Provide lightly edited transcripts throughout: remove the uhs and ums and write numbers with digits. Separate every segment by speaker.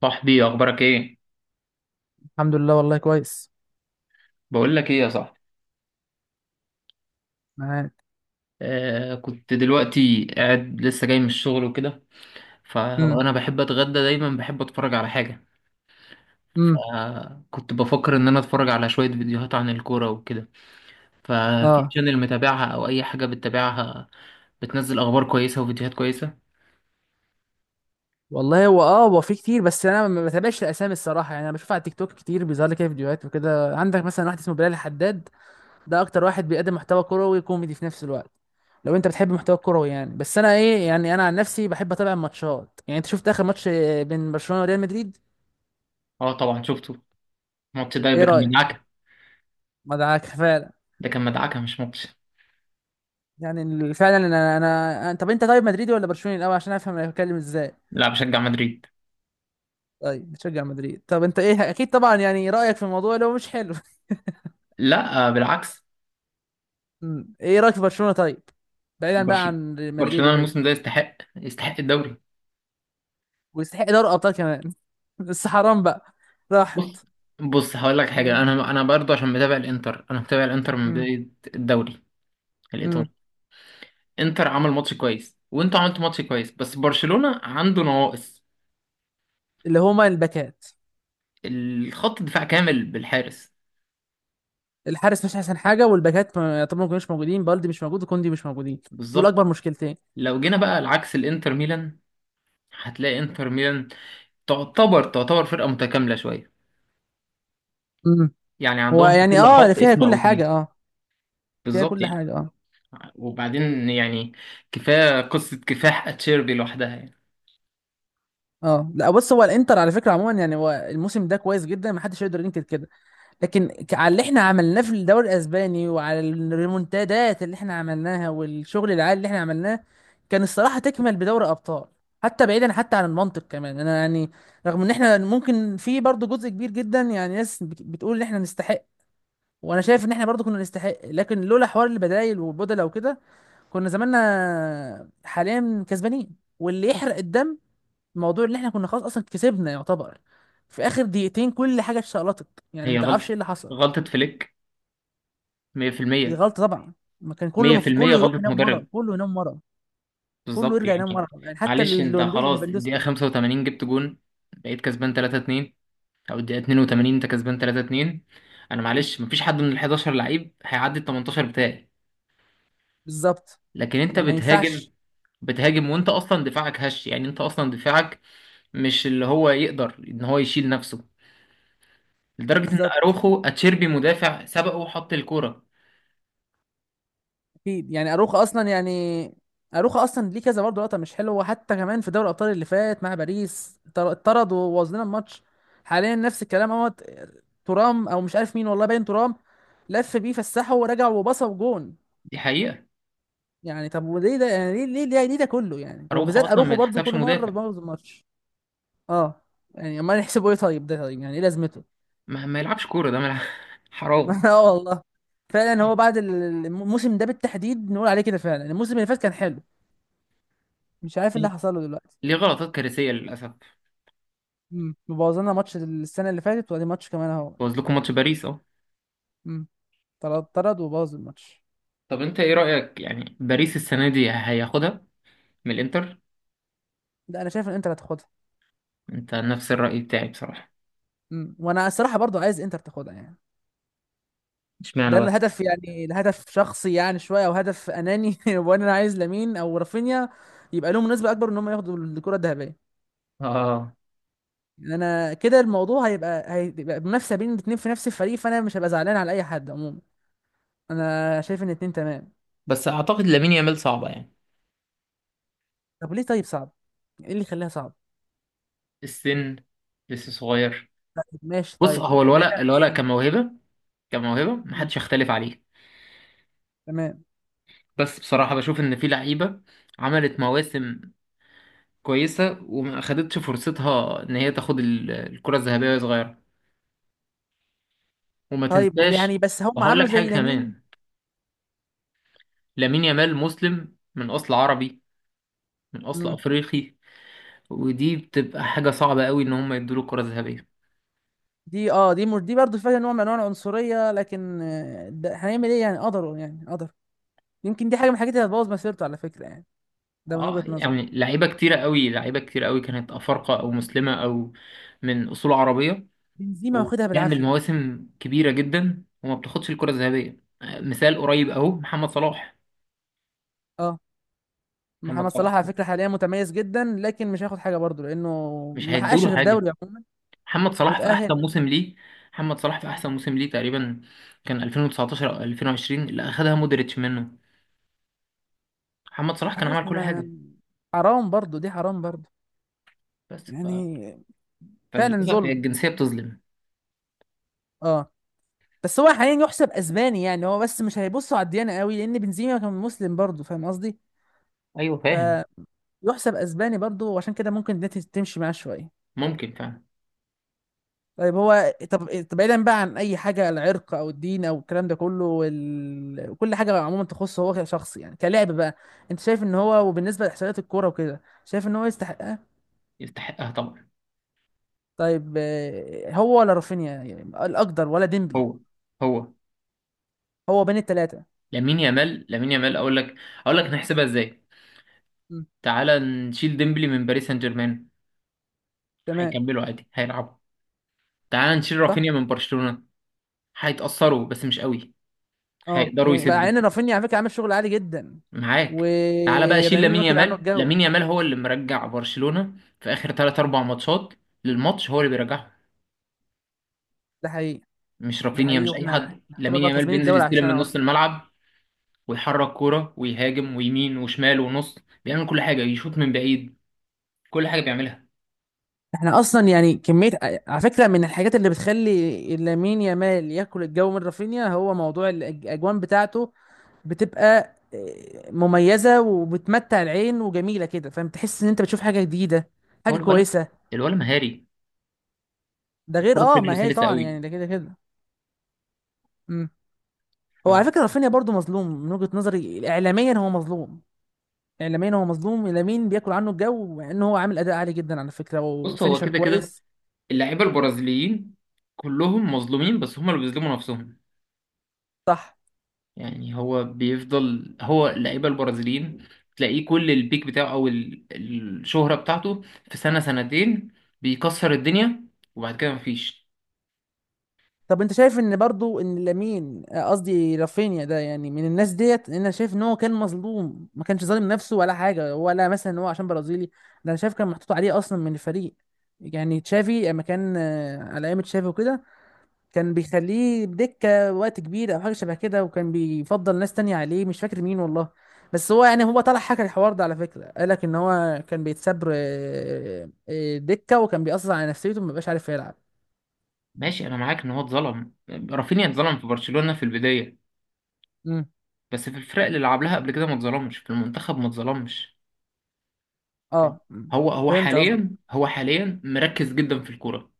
Speaker 1: صاحبي اخبارك ايه؟
Speaker 2: الحمد لله والله كويس.
Speaker 1: بقول لك ايه يا صاحبي.
Speaker 2: معاك.
Speaker 1: كنت دلوقتي قاعد لسه جاي من الشغل وكده،
Speaker 2: امم.
Speaker 1: فانا بحب اتغدى دايما، بحب اتفرج على حاجه.
Speaker 2: امم.
Speaker 1: فكنت بفكر ان انا اتفرج على شويه فيديوهات عن الكوره وكده، ففي
Speaker 2: اه.
Speaker 1: شانل متابعها او اي حاجه بتتابعها بتنزل اخبار كويسه وفيديوهات كويسه.
Speaker 2: والله هو هو في كتير، بس انا ما بتابعش الاسامي الصراحه، يعني انا بشوف على التيك توك كتير بيظهر لي كده فيديوهات وكده. عندك مثلا واحد اسمه بلال الحداد، ده اكتر واحد بيقدم محتوى كروي كوميدي في نفس الوقت. لو انت بتحب المحتوى الكروي يعني، بس انا ايه، يعني انا عن نفسي بحب اتابع الماتشات. يعني انت شفت اخر ماتش بين برشلونه وريال مدريد؟
Speaker 1: اه طبعا شفته. الماتش ده
Speaker 2: ايه
Speaker 1: ده كان
Speaker 2: رايك؟
Speaker 1: مدعكه،
Speaker 2: ما دعاك فعلا.
Speaker 1: ده كان مدعكه مش ماتش.
Speaker 2: يعني فعلا، طب انت، طيب، مدريدي ولا برشلوني الاول؟ عشان افهم انا بتكلم ازاي.
Speaker 1: لا، بشجع مدريد.
Speaker 2: طيب، بتشجع مدريد. طب انت ايه، اكيد طبعا يعني رايك في الموضوع لو مش حلو.
Speaker 1: لا بالعكس.
Speaker 2: مم. ايه رايك في برشلونه طيب؟ بعيدا بقى
Speaker 1: برشلونه،
Speaker 2: عن مدريد
Speaker 1: برشلونه
Speaker 2: وكده.
Speaker 1: الموسم ده يستحق، يستحق الدوري.
Speaker 2: ويستحق دوري ابطال كمان بس حرام بقى.
Speaker 1: بص،
Speaker 2: راحت.
Speaker 1: بص هقول لك حاجه.
Speaker 2: يعني
Speaker 1: انا برضه عشان متابع الانتر، من
Speaker 2: امم
Speaker 1: بدايه الدوري الايطالي.
Speaker 2: امم
Speaker 1: انتر عمل ماتش كويس وانتوا عملتوا ماتش كويس، بس برشلونه عنده نواقص.
Speaker 2: اللي هما الباكات.
Speaker 1: الخط الدفاع كامل بالحارس.
Speaker 2: الحارس مش احسن حاجه، والباكات طبعا ما كانوش موجودين. بالدي مش موجود وكوندي مش موجودين. دول
Speaker 1: بالظبط.
Speaker 2: اكبر مشكلتين.
Speaker 1: لو جينا بقى العكس الانتر ميلان، هتلاقي انتر ميلان تعتبر فرقه متكامله شويه،
Speaker 2: امم
Speaker 1: يعني
Speaker 2: هو
Speaker 1: عندهم في
Speaker 2: يعني
Speaker 1: كل خط
Speaker 2: فيها
Speaker 1: اسم
Speaker 2: كل
Speaker 1: او
Speaker 2: حاجه،
Speaker 1: اتنين.
Speaker 2: اه. فيها
Speaker 1: بالظبط
Speaker 2: كل
Speaker 1: يعني.
Speaker 2: حاجه، اه.
Speaker 1: وبعدين يعني كفايه قصه كفاح اتشيربي لوحدها يعني.
Speaker 2: اه، لا بص، هو الانتر على فكره عموما يعني هو الموسم ده كويس جدا، ما حدش يقدر ينكر كده. لكن على اللي احنا عملناه في الدوري الاسباني، وعلى الريمونتادات اللي احنا عملناها، والشغل العالي اللي احنا عملناه، كان الصراحه تكمل بدوري ابطال. حتى بعيدا حتى عن المنطق كمان، انا يعني رغم ان احنا ممكن في برضه جزء كبير جدا يعني ناس بتقول ان احنا نستحق. وانا شايف ان احنا برضه كنا نستحق، لكن لولا حوار البدايل والبدله وكده، كنا زماننا حاليا كسبانين. واللي يحرق الدم موضوع ان احنا كنا خلاص اصلا كسبنا يعتبر. في اخر دقيقتين كل حاجه اتشقلطت. يعني
Speaker 1: هي
Speaker 2: ما تعرفش
Speaker 1: غلطه
Speaker 2: ايه اللي حصل.
Speaker 1: غلطه فليك،
Speaker 2: دي
Speaker 1: 100%،
Speaker 2: غلطة طبعا. ما كان
Speaker 1: مية في المية
Speaker 2: كله يروح
Speaker 1: غلطة
Speaker 2: ينام مرة،
Speaker 1: مدرب.
Speaker 2: كله ينام مرة، كله
Speaker 1: بالظبط
Speaker 2: يرجع ينام
Speaker 1: يعني.
Speaker 2: مرة. يعني حتى
Speaker 1: معلش انت خلاص،
Speaker 2: ليفاندوسكي
Speaker 1: الدقيقة
Speaker 2: برضه.
Speaker 1: خمسة وتمانين جبت جون، بقيت كسبان تلاتة اتنين. أو الدقيقة اتنين وتمانين أنت كسبان تلاتة اتنين. أنا
Speaker 2: مم.
Speaker 1: معلش مفيش حد من الحداشر لعيب هيعدي التمنتاشر بتاعي.
Speaker 2: بالظبط.
Speaker 1: لكن أنت
Speaker 2: ما
Speaker 1: بتهاجم،
Speaker 2: ينفعش.
Speaker 1: بتهاجم وأنت أصلا دفاعك هش، يعني أنت أصلا دفاعك مش اللي هو يقدر إن هو يشيل نفسه، لدرجة إن
Speaker 2: بالظبط.
Speaker 1: أروخو أتشيربي مدافع سبقه وحط الكورة.
Speaker 2: اكيد يعني اروخا اصلا يعني. اروخا اصلا ليه كذا برضه لقطة مش حلوة، حتى كمان في دوري الابطال اللي فات مع باريس اتطرد وبوظ لنا الماتش. حاليا نفس الكلام اهوت. ترام او مش عارف مين، والله باين ترام، لف بيه فسحه ورجع وبصه جون.
Speaker 1: دي حقيقة.
Speaker 2: يعني طب وليه ده يعني ليه ليه ليه، ليه ده كله يعني؟
Speaker 1: أروخو
Speaker 2: وبالذات
Speaker 1: أصلا ما
Speaker 2: اروخو برضه
Speaker 1: يتحسبش
Speaker 2: كل مرة
Speaker 1: مدافع،
Speaker 2: بيبوظ الماتش. اه. يعني امال يحسبوا ايه؟ طيب ده طيب يعني ايه لازمته؟
Speaker 1: ما يلعبش كورة، ده ملعب. حرام.
Speaker 2: اه والله. فعلا هو بعد الموسم ده بالتحديد نقول عليه كده، فعلا الموسم اللي فات كان حلو. مش عارف إيه اللي حصل له دلوقتي.
Speaker 1: ليه غلطات كارثية للأسف.
Speaker 2: مبوظلنا ماتش السنه اللي فاتت وادي ماتش كمان اهو.
Speaker 1: بوظ لكم ماتش باريس اهو.
Speaker 2: امم. طرد طرد وبوظ الماتش.
Speaker 1: طب انت ايه رأيك يعني، باريس السنة دي هياخدها من الانتر؟
Speaker 2: ده انا شايف ان انتر هتاخدها.
Speaker 1: انت نفس الرأي بتاعي بصراحة.
Speaker 2: وانا الصراحه برضو عايز انتر تاخدها يعني.
Speaker 1: اشمعنى
Speaker 2: ده
Speaker 1: بقى؟
Speaker 2: الهدف، يعني الهدف شخصي يعني شويه، او هدف اناني وانا عايز لامين او رافينيا يبقى لهم نسبه اكبر ان هم ياخدوا الكره الذهبيه.
Speaker 1: اه
Speaker 2: انا كده الموضوع هيبقى منافسه بين الاتنين في نفس الفريق، فانا مش هبقى زعلان على اي حد عموما. انا شايف ان الاتنين تمام.
Speaker 1: بس اعتقد لامين يامال صعبة يعني.
Speaker 2: طب ليه؟ طيب صعب. ايه اللي يخليها صعب؟
Speaker 1: السن، لسه صغير.
Speaker 2: طيب ماشي،
Speaker 1: بص،
Speaker 2: طيب
Speaker 1: هو
Speaker 2: بعيدا
Speaker 1: الولد،
Speaker 2: عن
Speaker 1: الولد
Speaker 2: السن.
Speaker 1: كموهبة، كموهبة
Speaker 2: مم.
Speaker 1: محدش يختلف عليه.
Speaker 2: تمام.
Speaker 1: بس بصراحة بشوف ان في لعيبة عملت مواسم كويسة وما اخدتش فرصتها ان هي تاخد الكرة الذهبية وهي صغيرة. وما
Speaker 2: طيب
Speaker 1: تنساش،
Speaker 2: يعني بس هم
Speaker 1: وهقول
Speaker 2: عملوا
Speaker 1: لك
Speaker 2: زي
Speaker 1: حاجة
Speaker 2: لامين.
Speaker 1: كمان، لامين يامال مسلم من اصل عربي، من اصل
Speaker 2: مم.
Speaker 1: افريقي. ودي بتبقى حاجه صعبه قوي ان هم يدوا له كره ذهبيه.
Speaker 2: دي اه دي مر... دي برضه فيها نوع من انواع العنصريه، لكن ده هنعمل ايه، يعني قدروا يعني قدر. يمكن دي حاجه من الحاجات اللي هتبوظ مسيرته على فكره يعني. ده من وجهه
Speaker 1: اه
Speaker 2: نظري.
Speaker 1: يعني لعيبه كتيره قوي، لعيبه كتير قوي كانت افارقه او مسلمه او من اصول عربيه
Speaker 2: بنزيما واخدها
Speaker 1: وبيعمل
Speaker 2: بالعافيه.
Speaker 1: مواسم كبيره جدا وما بتاخدش الكره الذهبيه. مثال قريب اهو محمد صلاح.
Speaker 2: اه.
Speaker 1: محمد
Speaker 2: محمد
Speaker 1: صلاح
Speaker 2: صلاح على فكره حاليا متميز جدا، لكن مش هياخد حاجه برضه لانه
Speaker 1: مش
Speaker 2: ما
Speaker 1: هيدوا
Speaker 2: حققش
Speaker 1: له
Speaker 2: غير
Speaker 1: حاجه.
Speaker 2: دوري عموما،
Speaker 1: محمد صلاح في
Speaker 2: وتاهل
Speaker 1: احسن
Speaker 2: بس.
Speaker 1: موسم ليه، محمد صلاح في احسن موسم ليه تقريبا كان 2019 او 2020 اللي اخدها مودريتش منه. محمد صلاح
Speaker 2: مش
Speaker 1: كان
Speaker 2: عارف
Speaker 1: عمل كل
Speaker 2: ما.
Speaker 1: حاجه.
Speaker 2: حرام برضه، دي حرام برضه.
Speaker 1: بس ف...
Speaker 2: يعني فعلا
Speaker 1: فللأسف هي
Speaker 2: ظلم.
Speaker 1: الجنسية بتظلم.
Speaker 2: اه. بس هو حاليا يحسب اسباني يعني، هو بس مش هيبصوا على الديانه قوي، لان بنزيما كان مسلم برضه، فاهم قصدي؟
Speaker 1: أيوه فاهم.
Speaker 2: فيحسب اسباني برضه، وعشان كده ممكن ده تمشي معاه شويه.
Speaker 1: ممكن فعلا.
Speaker 2: طيب هو، طب بعيدا بقى عن اي حاجه، العرق او الدين او الكلام ده كله كل حاجه عموما تخصه هو شخص، يعني كلاعب بقى، انت شايف ان هو، وبالنسبه لاحصائيات الكوره وكده، شايف ان هو يستحقها؟
Speaker 1: يستحقها طبعا.
Speaker 2: طيب هو ولا رافينيا، يعني الاقدر، ولا ديمبلي؟
Speaker 1: هو هو.
Speaker 2: هو بين الثلاثه.
Speaker 1: لامين يامال، أقول لك، أقول لك نحسبها إزاي. تعالى نشيل ديمبلي من باريس سان جيرمان،
Speaker 2: تمام.
Speaker 1: هيكملوا عادي، هيلعبوا. تعالى نشيل
Speaker 2: صح.
Speaker 1: رافينيا من برشلونة، هيتأثروا بس مش قوي،
Speaker 2: اه
Speaker 1: هيقدروا
Speaker 2: يعني مع
Speaker 1: يسدوا.
Speaker 2: ان رافينيا على فكره عامل شغل عالي جدا.
Speaker 1: معاك. تعالى بقى شيل
Speaker 2: ورامين
Speaker 1: لامين
Speaker 2: واكل عنه
Speaker 1: يامال،
Speaker 2: الجو.
Speaker 1: هو اللي مرجع برشلونة في آخر 3 4 ماتشات، للماتش هو اللي بيرجعهم،
Speaker 2: ده حقيقي.
Speaker 1: مش
Speaker 2: ده
Speaker 1: رافينيا
Speaker 2: حقيقي،
Speaker 1: مش أي
Speaker 2: واحنا
Speaker 1: حد.
Speaker 2: نعتبر
Speaker 1: لامين
Speaker 2: بقى
Speaker 1: يامال
Speaker 2: كسبانين
Speaker 1: بينزل
Speaker 2: الدوري
Speaker 1: يستلم من
Speaker 2: عشانه
Speaker 1: نص
Speaker 2: اصلا.
Speaker 1: الملعب ويحرك كورة ويهاجم ويمين وشمال ونص، بيعمل كل حاجة، يشوط من بعيد، كل حاجة بيعملها.
Speaker 2: احنا اصلا يعني كميه. على فكره من الحاجات اللي بتخلي لامين يامال ياكل الجو من رافينيا هو موضوع الاجوان بتاعته. بتبقى مميزه وبتمتع العين وجميله كده، فاهم، تحس ان انت بتشوف حاجه جديده،
Speaker 1: هو
Speaker 2: حاجه
Speaker 1: الولد،
Speaker 2: كويسه.
Speaker 1: الولد مهاري،
Speaker 2: ده غير
Speaker 1: الكورة في رجله
Speaker 2: ما هي
Speaker 1: سلسة
Speaker 2: طبعا
Speaker 1: قوي.
Speaker 2: يعني ده كده كده. مم. هو على فكره رافينيا برضو مظلوم، من وجهه نظري اعلاميا هو مظلوم. اعلاميا هو مظلوم، لامين بياكل عنه الجو، مع ان هو عامل اداء عالي جدا على فكره
Speaker 1: فبص هو
Speaker 2: وفينيشر
Speaker 1: كده كده
Speaker 2: كويس.
Speaker 1: اللعيبة البرازيليين كلهم مظلومين، بس هم اللي بيظلموا نفسهم.
Speaker 2: صح.
Speaker 1: يعني هو بيفضل هو اللعيبة البرازيليين تلاقيه كل البيك بتاعه أو الشهرة بتاعته في سنة سنتين بيكسر الدنيا، وبعد كده مفيش.
Speaker 2: طب انت شايف ان برضو ان لامين، قصدي رافينيا، ده يعني من الناس ديت، ان انا شايف ان هو كان مظلوم، ما كانش ظالم نفسه ولا حاجه، ولا مثلا ان هو عشان برازيلي ده. انا شايف كان محطوط عليه اصلا من الفريق. يعني تشافي لما كان على ايام تشافي وكده، كان بيخليه بدكه وقت كبير او حاجه شبه كده، وكان بيفضل ناس تانية عليه مش فاكر مين والله. بس هو يعني هو طلع حكى الحوار ده على فكره، قال لك ان هو كان بيتساب دكه، وكان بيأثر على نفسيته، ما بقاش عارف يلعب.
Speaker 1: ماشي أنا معاك إن هو اتظلم، رافينيا اتظلم في برشلونة في البداية،
Speaker 2: امم.
Speaker 1: بس في الفرق اللي لعب لها قبل كده ما اتظلمش، في المنتخب ما اتظلمش. فاهم؟
Speaker 2: اه. مم.
Speaker 1: هو هو
Speaker 2: فهمت قصدك.
Speaker 1: حاليا هو حاليا مركز جدا في الكوره،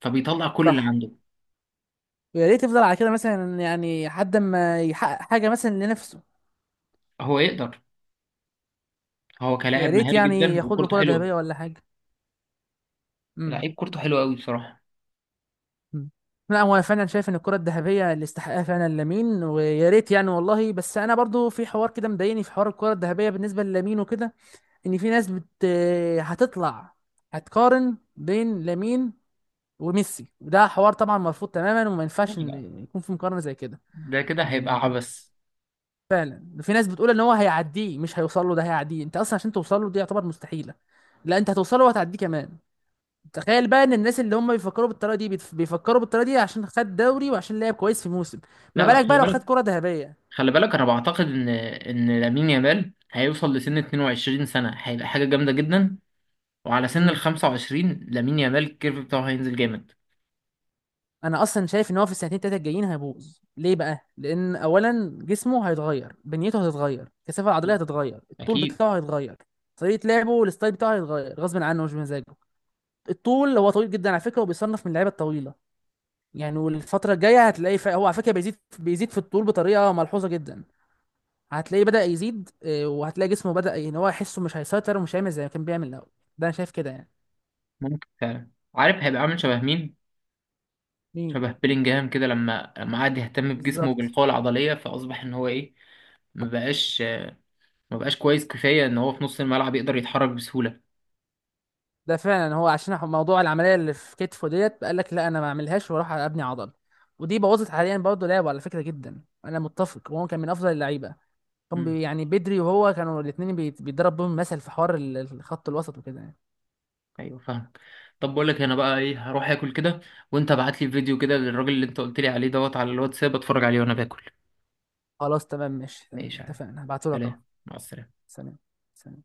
Speaker 1: فبيطلع كل اللي
Speaker 2: صح.
Speaker 1: عنده.
Speaker 2: ويا ريت يفضل على كده مثلا يعني لحد ما يحقق حاجه مثلا لنفسه.
Speaker 1: هو يقدر، هو
Speaker 2: يا
Speaker 1: كلاعب
Speaker 2: ريت
Speaker 1: مهاري
Speaker 2: يعني
Speaker 1: جدا
Speaker 2: ياخد له
Speaker 1: وكورته
Speaker 2: كره
Speaker 1: حلوه.
Speaker 2: ذهبيه ولا حاجه. امم.
Speaker 1: لعيب كورته حلوه قوي بصراحه.
Speaker 2: أمم. لا، هو انا فعلا شايف ان الكره الذهبيه اللي استحقها فعلا لامين، ويا ريت يعني والله. بس انا برضو في حوار كده مضايقني في حوار الكره الذهبيه بالنسبه للامين وكده، ان في ناس بت، هتطلع، هتقارن بين لامين وميسي، وده حوار طبعا مرفوض تماما، وما
Speaker 1: لا
Speaker 2: ينفعش إن
Speaker 1: لا،
Speaker 2: يكون في مقارنه زي كده
Speaker 1: ده كده هيبقى
Speaker 2: يعني.
Speaker 1: عبث.
Speaker 2: فعلا في ناس بتقول ان هو هيعديه، مش هيوصل له ده هيعديه. انت اصلا عشان توصل له دي يعتبر مستحيله. لا، انت هتوصل له وهتعديه كمان. تخيل بقى ان الناس اللي هم بيفكروا بالطريقه دي بيفكروا بالطريقه دي عشان خد دوري وعشان لعب كويس في موسم، ما
Speaker 1: لا لا،
Speaker 2: بالك بقى
Speaker 1: خلي
Speaker 2: لو خد
Speaker 1: بالك،
Speaker 2: كره ذهبيه؟
Speaker 1: خلي بالك انا بعتقد ان لامين يامال هيوصل لسن 22 سنه هيبقى حاجه جامده جدا، وعلى سن ال
Speaker 2: امم.
Speaker 1: 25 لامين يامال الكيرف بتاعه هينزل جامد.
Speaker 2: انا اصلا شايف ان هو في السنتين التلاته الجايين هيبوظ ليه بقى، لان اولا جسمه هيتغير، بنيته هتتغير، الكثافه العضليه هتتغير، الطول
Speaker 1: اكيد.
Speaker 2: بتاعه هيتغير، طريقه لعبه والستايل بتاعه هيتغير غصب عنه مش بمزاجه. الطول، هو طويل جدا على فكره، وبيصنف من اللعيبه الطويله يعني. والفترة الجاية هتلاقي هو على فكرة بيزيد بيزيد في الطول بطريقة ملحوظة جدا، هتلاقيه بدأ يزيد وهتلاقي جسمه بدأ ان هو يحسه مش هيسيطر، ومش هيعمل زي ما كان بيعمل الأول. ده أنا شايف كده يعني.
Speaker 1: ممكن فعلا، عارف هيبقى عامل شبه مين؟
Speaker 2: مين؟
Speaker 1: شبه بيلينجهام كده، لما قعد يهتم بجسمه
Speaker 2: بالظبط.
Speaker 1: وبالقوة العضلية، فأصبح إن هو إيه، ما بقاش ما بقاش كويس كفاية إن هو في نص الملعب يقدر يتحرك بسهولة.
Speaker 2: ده فعلا هو عشان موضوع العملية اللي في كتفه ديت، قال لك لا، أنا ما أعملهاش، وأروح أبني عضل. ودي بوظت حاليا برضه لعبه على فكرة جدا، أنا متفق. وهو كان من أفضل اللعيبة، كان
Speaker 1: مم.
Speaker 2: يعني بدري، وهو كانوا الاتنين بيتضرب بيهم مثل في حوار الخط الوسط وكده يعني.
Speaker 1: أيوه فاهمك. طب بقول لك أنا بقى إيه، هروح آكل كده، وأنت ابعت لي فيديو كده للراجل اللي أنت قلت لي عليه دوت على الواتساب أتفرج عليه وأنا باكل.
Speaker 2: خلاص تمام ماشي تمام،
Speaker 1: ماشي يا عم.
Speaker 2: اتفقنا، هبعتهولك أهو.
Speaker 1: سلام، مع السلامة.
Speaker 2: سلام. سلام.